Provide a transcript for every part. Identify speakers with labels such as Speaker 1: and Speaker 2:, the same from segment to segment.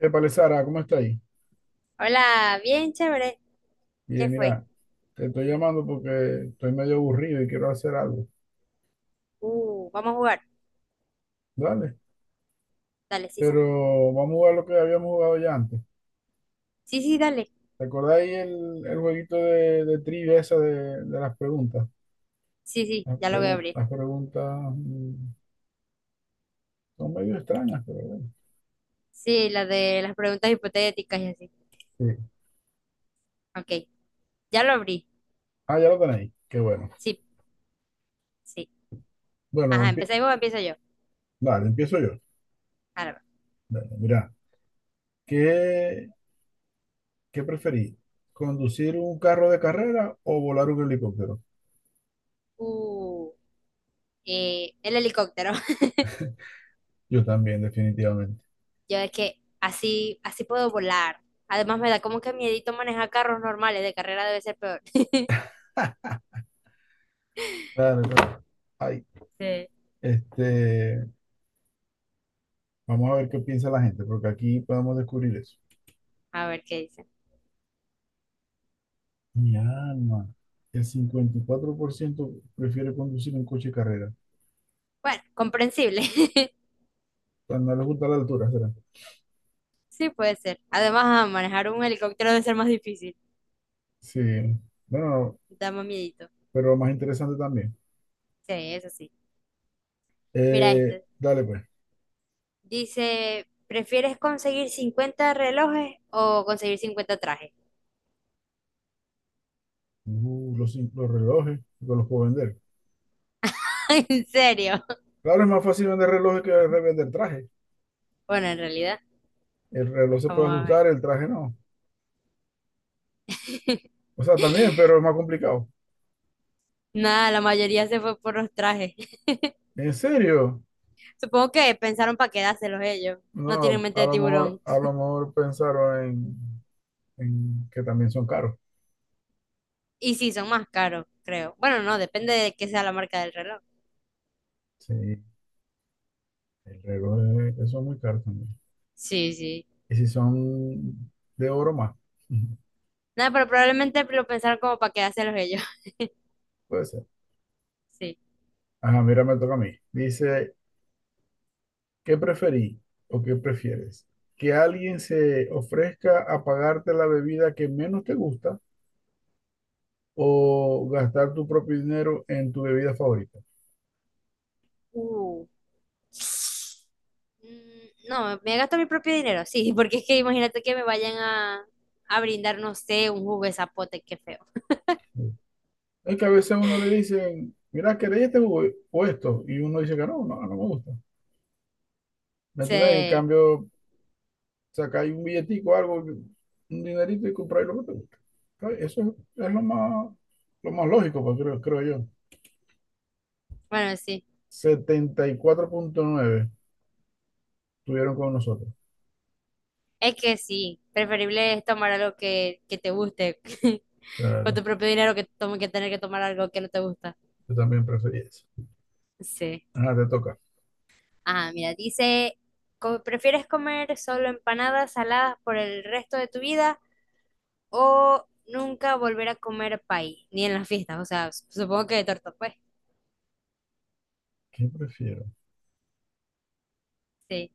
Speaker 1: Épale, Sara, ¿cómo está ahí?
Speaker 2: Hola, bien chévere. ¿Qué
Speaker 1: Bien,
Speaker 2: fue?
Speaker 1: mira, te estoy llamando porque estoy medio aburrido y quiero hacer algo.
Speaker 2: Vamos a jugar.
Speaker 1: Dale,
Speaker 2: Dale, Sisa.
Speaker 1: pero vamos a jugar lo que habíamos jugado ya antes.
Speaker 2: Sí, sí, dale.
Speaker 1: ¿Te acordáis el jueguito de trivia esa de las preguntas?
Speaker 2: Sí, sí,
Speaker 1: Las,
Speaker 2: ya lo voy a
Speaker 1: pregu-
Speaker 2: abrir.
Speaker 1: las preguntas mm, son medio extrañas, pero bueno.
Speaker 2: Sí, la de las preguntas hipotéticas y así.
Speaker 1: Sí.
Speaker 2: Ok, ya lo abrí.
Speaker 1: Ah, ya lo tenéis. Qué bueno.
Speaker 2: Sí, sí.
Speaker 1: Bueno,
Speaker 2: Ajá, ¿empezáis vos empiezo yo?
Speaker 1: dale, empiezo yo.
Speaker 2: Ahora va.
Speaker 1: Dale, mira, ¿qué, qué preferís? ¿Conducir un carro de carrera o volar un helicóptero?
Speaker 2: Uh, el helicóptero.
Speaker 1: Yo también, definitivamente.
Speaker 2: Yo es que así, así puedo volar. Además me da como que miedito manejar carros normales. De carrera debe ser peor.
Speaker 1: Claro, claro. Ay,
Speaker 2: Sí,
Speaker 1: este, vamos a ver qué piensa la gente, porque aquí podemos descubrir eso.
Speaker 2: a ver qué dice.
Speaker 1: Mi alma, el 54% prefiere conducir un coche de carrera. O
Speaker 2: Bueno, comprensible.
Speaker 1: sea, no les gusta la altura, ¿será?
Speaker 2: Sí, puede ser. Además, ah, manejar un helicóptero debe ser más difícil.
Speaker 1: Sí, bueno,
Speaker 2: Da más miedito.
Speaker 1: pero más interesante también.
Speaker 2: Sí, eso sí. Mira este.
Speaker 1: Dale, pues.
Speaker 2: Dice, ¿prefieres conseguir 50 relojes o conseguir 50 trajes?
Speaker 1: Los relojes, yo los puedo vender.
Speaker 2: ¿En serio?
Speaker 1: Claro, es más fácil vender relojes que revender traje.
Speaker 2: Bueno, en realidad,
Speaker 1: El reloj se puede
Speaker 2: vamos a
Speaker 1: ajustar,
Speaker 2: ver.
Speaker 1: el traje no. O sea, también, pero es más complicado.
Speaker 2: Nada, la mayoría se fue por los trajes.
Speaker 1: ¿En serio?
Speaker 2: Supongo que pensaron para quedárselos ellos. No tienen
Speaker 1: No,
Speaker 2: mente
Speaker 1: a
Speaker 2: de
Speaker 1: lo mejor,
Speaker 2: tiburón.
Speaker 1: a lo mejor pensaron en que también son caros.
Speaker 2: Y sí, son más caros, creo. Bueno, no, depende de qué sea la marca del reloj.
Speaker 1: Sí, el reloj eso es muy caro también.
Speaker 2: Sí, sí.
Speaker 1: Y si son de oro más, ujú,
Speaker 2: Nada, pero probablemente lo pensaron como para quedárselos ellos.
Speaker 1: puede ser.
Speaker 2: Sí.
Speaker 1: Ajá, mira, me toca a mí. Dice, ¿qué preferí o qué prefieres? ¿Que alguien se ofrezca a pagarte la bebida que menos te gusta o gastar tu propio dinero en tu bebida favorita?
Speaker 2: Uh. No, me gasto mi propio dinero, sí, porque es que imagínate que me vayan a brindar, no sé, un jugo de zapote, qué feo.
Speaker 1: Sí. Es que a veces a uno le dicen, mira, ¿querés este jugo o esto? Y uno dice que no, no, no me gusta. ¿Me entendés? En
Speaker 2: Sí,
Speaker 1: cambio, sacáis un billetico, algo, un dinerito y compráis lo que te gusta. Está Eso es lo más lógico, pues, creo, creo yo.
Speaker 2: bueno, sí,
Speaker 1: 74,9 estuvieron con nosotros.
Speaker 2: es que sí, preferible es tomar algo que te guste con
Speaker 1: Claro,
Speaker 2: tu propio dinero que, tome, que tener que tomar algo que no te gusta.
Speaker 1: yo también preferí eso.
Speaker 2: Sí.
Speaker 1: Ajá, te toca.
Speaker 2: Ah, mira, dice, ¿prefieres comer solo empanadas saladas por el resto de tu vida o nunca volver a comer pay, ni en las fiestas? O sea, supongo que de torta, pues.
Speaker 1: ¿Qué prefiero?
Speaker 2: Sí.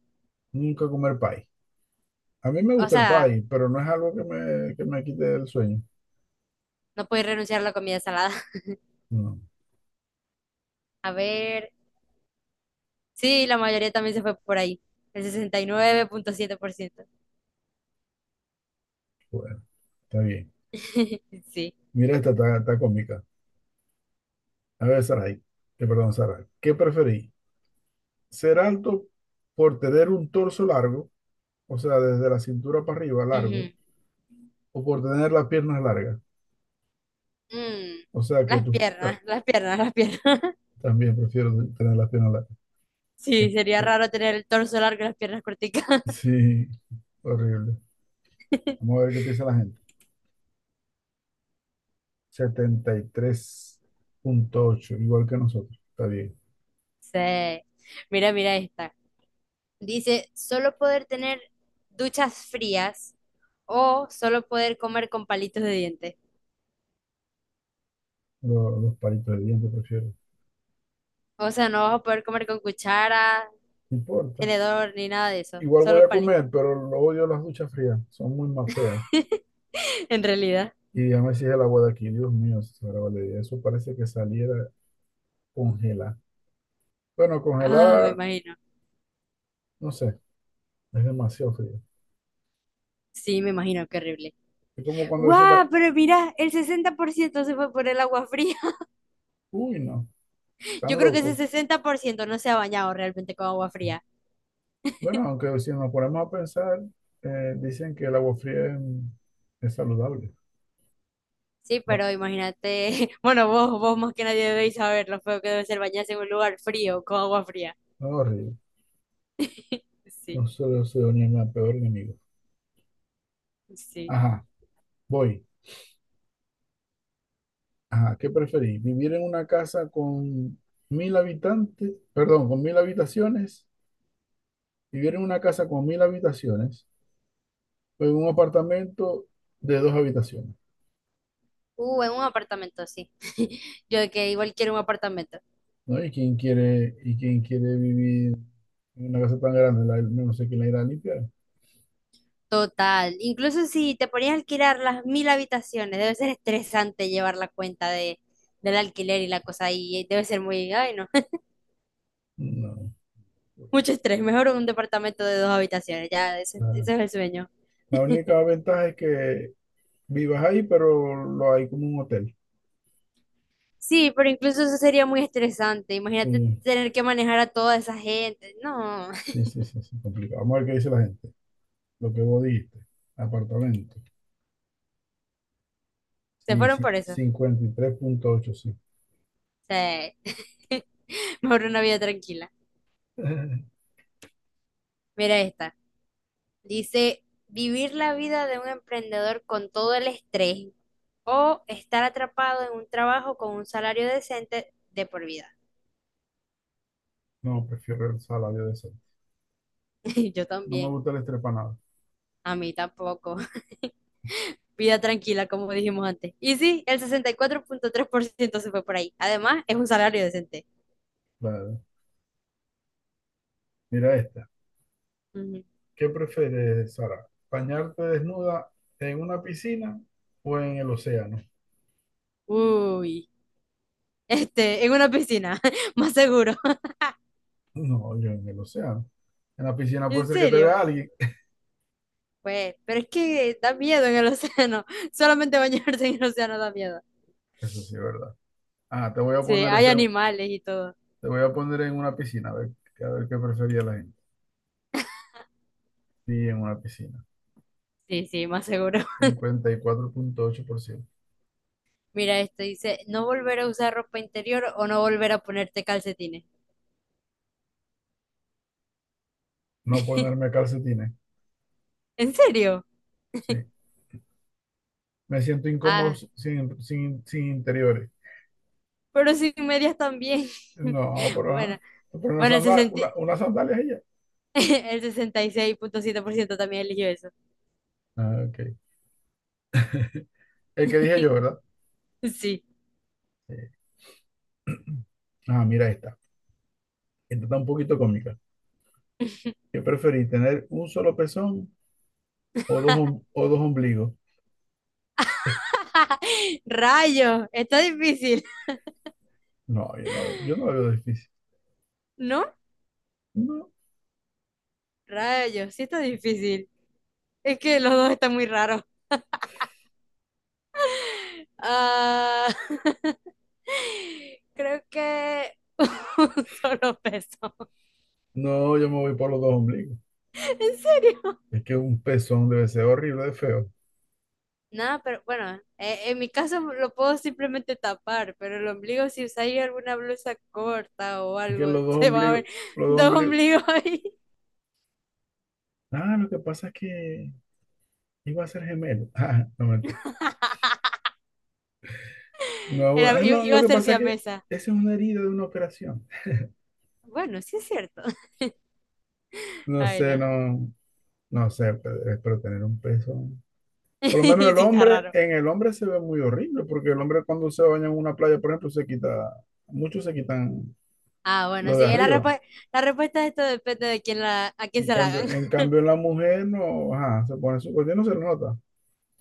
Speaker 1: Nunca comer pay. A mí me
Speaker 2: O
Speaker 1: gusta el
Speaker 2: sea,
Speaker 1: pay, pero no es algo que me quite el sueño.
Speaker 2: no podéis renunciar a la comida salada.
Speaker 1: No,
Speaker 2: A ver, sí, la mayoría también se fue por ahí. El sesenta y nueve punto siete por ciento.
Speaker 1: bueno, está bien.
Speaker 2: Sí.
Speaker 1: Mira, esta está cómica. A ver, Saray, que perdón, Saray. ¿Qué preferí? ¿Ser alto por tener un torso largo, o sea, desde la cintura para arriba, largo,
Speaker 2: Ujú.
Speaker 1: o por tener las piernas largas?
Speaker 2: Mm,
Speaker 1: O sea que
Speaker 2: Las
Speaker 1: tú
Speaker 2: piernas, las piernas, las piernas.
Speaker 1: también prefiero tener las piernas largas. Es
Speaker 2: Sí, sería
Speaker 1: que- eh,
Speaker 2: raro tener el torso largo y las piernas corticas.
Speaker 1: sí, horrible. Vamos a ver qué piensa la gente. 73,8 igual que nosotros. Está bien.
Speaker 2: Sí. Mira, mira esta. Dice, solo poder tener duchas frías o solo poder comer con palitos de dientes.
Speaker 1: Los palitos de dientes prefiero.
Speaker 2: O sea, no vas a poder comer con cuchara,
Speaker 1: No importa.
Speaker 2: tenedor, ni nada de eso.
Speaker 1: Igual voy
Speaker 2: Solo
Speaker 1: a
Speaker 2: palitos.
Speaker 1: comer, pero lo odio las duchas frías. Son muy más feas.
Speaker 2: En realidad.
Speaker 1: Y déjame me sigue el agua de aquí. Dios mío, Sara Valeria. Eso parece que saliera congelada. Bueno,
Speaker 2: Ah, me
Speaker 1: congelada,
Speaker 2: imagino.
Speaker 1: no sé. Es demasiado frío.
Speaker 2: Sí, me imagino, qué horrible.
Speaker 1: Es como cuando se está,
Speaker 2: ¡Guau! Pero mira, el 60% se fue por el agua fría.
Speaker 1: uy, no,
Speaker 2: Yo
Speaker 1: tan
Speaker 2: creo que ese
Speaker 1: loco.
Speaker 2: 60% no se ha bañado realmente con agua fría.
Speaker 1: Bueno, aunque si nos ponemos a pensar, dicen que el agua fría es saludable.
Speaker 2: Sí,
Speaker 1: Bueno,
Speaker 2: pero imagínate, bueno, vos más que nadie debéis saber lo feo que debe ser bañarse en un lugar frío con agua fría.
Speaker 1: no es horrible.
Speaker 2: Sí,
Speaker 1: No solo se ni mi peor enemigo.
Speaker 2: sí.
Speaker 1: Ajá, voy. Ajá, ¿qué preferís? ¿Vivir en una casa con 1.000 habitantes, perdón, con 1.000 habitaciones? ¿Vivir en una casa con 1.000 habitaciones o en un apartamento de dos habitaciones?
Speaker 2: En un apartamento, sí. Yo de que igual quiero un apartamento.
Speaker 1: ¿No? ¿Y quién quiere vivir en una casa tan grande? No sé quién la irá a limpiar.
Speaker 2: Total, incluso si te ponías a alquilar las mil habitaciones, debe ser estresante llevar la cuenta del alquiler y la cosa ahí, debe ser muy, ay no,
Speaker 1: No,
Speaker 2: mucho estrés, mejor un departamento de dos habitaciones, ya, ese,
Speaker 1: claro.
Speaker 2: ese es el sueño.
Speaker 1: La única ventaja es que vivas ahí, pero lo hay como un hotel.
Speaker 2: Sí, pero incluso eso sería muy estresante, imagínate
Speaker 1: Sí,
Speaker 2: tener que manejar a toda esa gente, no,
Speaker 1: sí, sí, sí, sí, complicado. Vamos a ver qué dice la gente. Lo que vos dijiste. Apartamento.
Speaker 2: se
Speaker 1: Sí,
Speaker 2: fueron
Speaker 1: sí,
Speaker 2: por eso,
Speaker 1: 53,8 sí.
Speaker 2: sí, mejor una vida tranquila. Mira esta, dice, vivir la vida de un emprendedor con todo el estrés o estar atrapado en un trabajo con un salario decente de por vida.
Speaker 1: No, prefiero el salario decente.
Speaker 2: Yo
Speaker 1: No me
Speaker 2: también.
Speaker 1: gusta el estrepanado.
Speaker 2: A mí tampoco. Vida tranquila, como dijimos antes. Y sí, el 64.3% se fue por ahí. Además, es un salario decente.
Speaker 1: Claro. Mira esta.
Speaker 2: Ujú.
Speaker 1: ¿Qué prefieres, Sara? ¿Bañarte desnuda en una piscina o en el océano?
Speaker 2: Uy, este, en una piscina, más seguro.
Speaker 1: No, yo en el océano. En la piscina puede
Speaker 2: ¿En
Speaker 1: ser que te
Speaker 2: serio?
Speaker 1: vea alguien.
Speaker 2: Pues, pero es que da miedo en el océano. Solamente bañarse en el océano da miedo.
Speaker 1: Eso sí es, ¿verdad? Ah,
Speaker 2: Sí, hay animales y todo.
Speaker 1: te voy a poner en una piscina. A ver, qué prefería la gente. Sí, en una piscina.
Speaker 2: Sí, sí, más seguro.
Speaker 1: 54,8%.
Speaker 2: Mira esto, dice, no volver a usar ropa interior o no volver a ponerte calcetines.
Speaker 1: No ponerme calcetines.
Speaker 2: ¿En serio?
Speaker 1: Sí. Me siento incómodo
Speaker 2: Ah,
Speaker 1: sin interiores.
Speaker 2: pero sin medias también.
Speaker 1: No, pero
Speaker 2: Bueno,
Speaker 1: ajá. Pero una
Speaker 2: bueno, el
Speaker 1: sandal,
Speaker 2: 60
Speaker 1: una, unas sandalias y ya.
Speaker 2: el sesenta y seis punto siete por ciento también eligió eso.
Speaker 1: Ah, ok. El que dije yo, ¿verdad?
Speaker 2: Sí.
Speaker 1: Sí. Ah, mira esta. Esta está un poquito cómica. ¿Qué preferís, tener un solo pezón o o dos ombligos?
Speaker 2: Rayos, está difícil,
Speaker 1: No, yo no lo veo difícil.
Speaker 2: ¿no?
Speaker 1: No,
Speaker 2: Rayos, sí está difícil. Es que los dos están muy raros. Ah, creo que un solo peso.
Speaker 1: no, yo me voy por los dos ombligos.
Speaker 2: ¿En serio?
Speaker 1: Es que un pezón debe ser horrible de feo.
Speaker 2: Nada, pero bueno, en mi caso lo puedo simplemente tapar, pero el ombligo, si usáis alguna blusa corta o
Speaker 1: Es que
Speaker 2: algo,
Speaker 1: los dos
Speaker 2: se va a
Speaker 1: ombligos,
Speaker 2: ver
Speaker 1: los dos
Speaker 2: dos
Speaker 1: ombligos.
Speaker 2: ombligos ahí.
Speaker 1: Ah, lo que pasa es que iba a ser gemelo. Ah, no mentira. No,
Speaker 2: Era-
Speaker 1: no,
Speaker 2: i-
Speaker 1: lo
Speaker 2: iba a
Speaker 1: que
Speaker 2: ser
Speaker 1: pasa es que
Speaker 2: siamesa.
Speaker 1: esa es una herida de una operación.
Speaker 2: Bueno, sí es cierto.
Speaker 1: No
Speaker 2: Ay,
Speaker 1: sé,
Speaker 2: no.
Speaker 1: no, no sé, pero tener un pezón. Por lo menos
Speaker 2: Sí
Speaker 1: el
Speaker 2: está
Speaker 1: hombre,
Speaker 2: raro.
Speaker 1: en el hombre se ve muy horrible, porque el hombre cuando se baña en una playa, por ejemplo, muchos se quitan
Speaker 2: Ah, bueno,
Speaker 1: lo
Speaker 2: sí,
Speaker 1: de arriba.
Speaker 2: la respuesta de esto depende de a quién
Speaker 1: En
Speaker 2: se la
Speaker 1: cambio,
Speaker 2: hagan.
Speaker 1: en cambio en la mujer no, ajá, se pone su cuerpo, no se nota.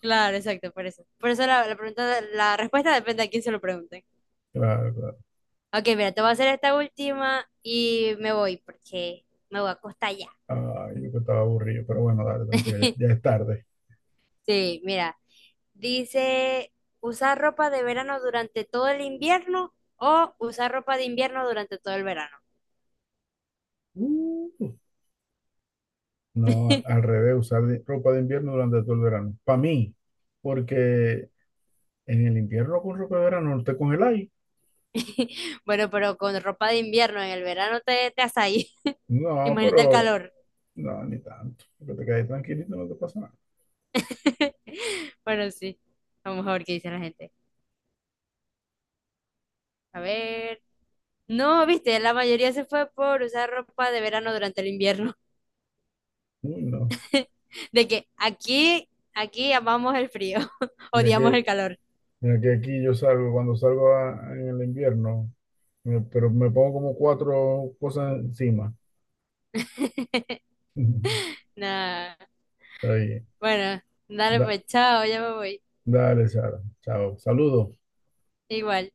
Speaker 2: Claro, exacto, por eso. Por eso la pregunta, la respuesta depende a quién se lo pregunten.
Speaker 1: Claro, claro.
Speaker 2: Ok, mira, te voy a hacer esta última y me voy porque me voy a acostar ya.
Speaker 1: Ay, yo que estaba aburrido, pero bueno, dale, tranquilo, ya, ya es tarde.
Speaker 2: Sí, mira. Dice, usar ropa de verano durante todo el invierno o usar ropa de invierno durante todo el verano.
Speaker 1: Uh, No, al revés, usar ropa de invierno durante todo el verano. Para mí, porque en el invierno con ropa de verano no te congeláis.
Speaker 2: Bueno, pero con ropa de invierno en el verano te haces ahí.
Speaker 1: No,
Speaker 2: Imagínate el
Speaker 1: pero
Speaker 2: calor.
Speaker 1: no, ni tanto. Porque te quedas tranquilito, no te pasa nada.
Speaker 2: Bueno, sí. Vamos a ver qué dice la gente. A ver. No, viste, la mayoría se fue por usar ropa de verano durante el invierno.
Speaker 1: Uy, no.
Speaker 2: De que aquí amamos el frío,
Speaker 1: Mira
Speaker 2: odiamos el
Speaker 1: que,
Speaker 2: calor.
Speaker 1: mira que aquí yo salgo, cuando salgo en el invierno, pero me pongo como cuatro cosas encima.
Speaker 2: Nah.
Speaker 1: Está bien.
Speaker 2: Bueno, dale
Speaker 1: Da-
Speaker 2: pues, chao, ya me voy.
Speaker 1: Dale, Sara. Chao. Saludos.
Speaker 2: Igual.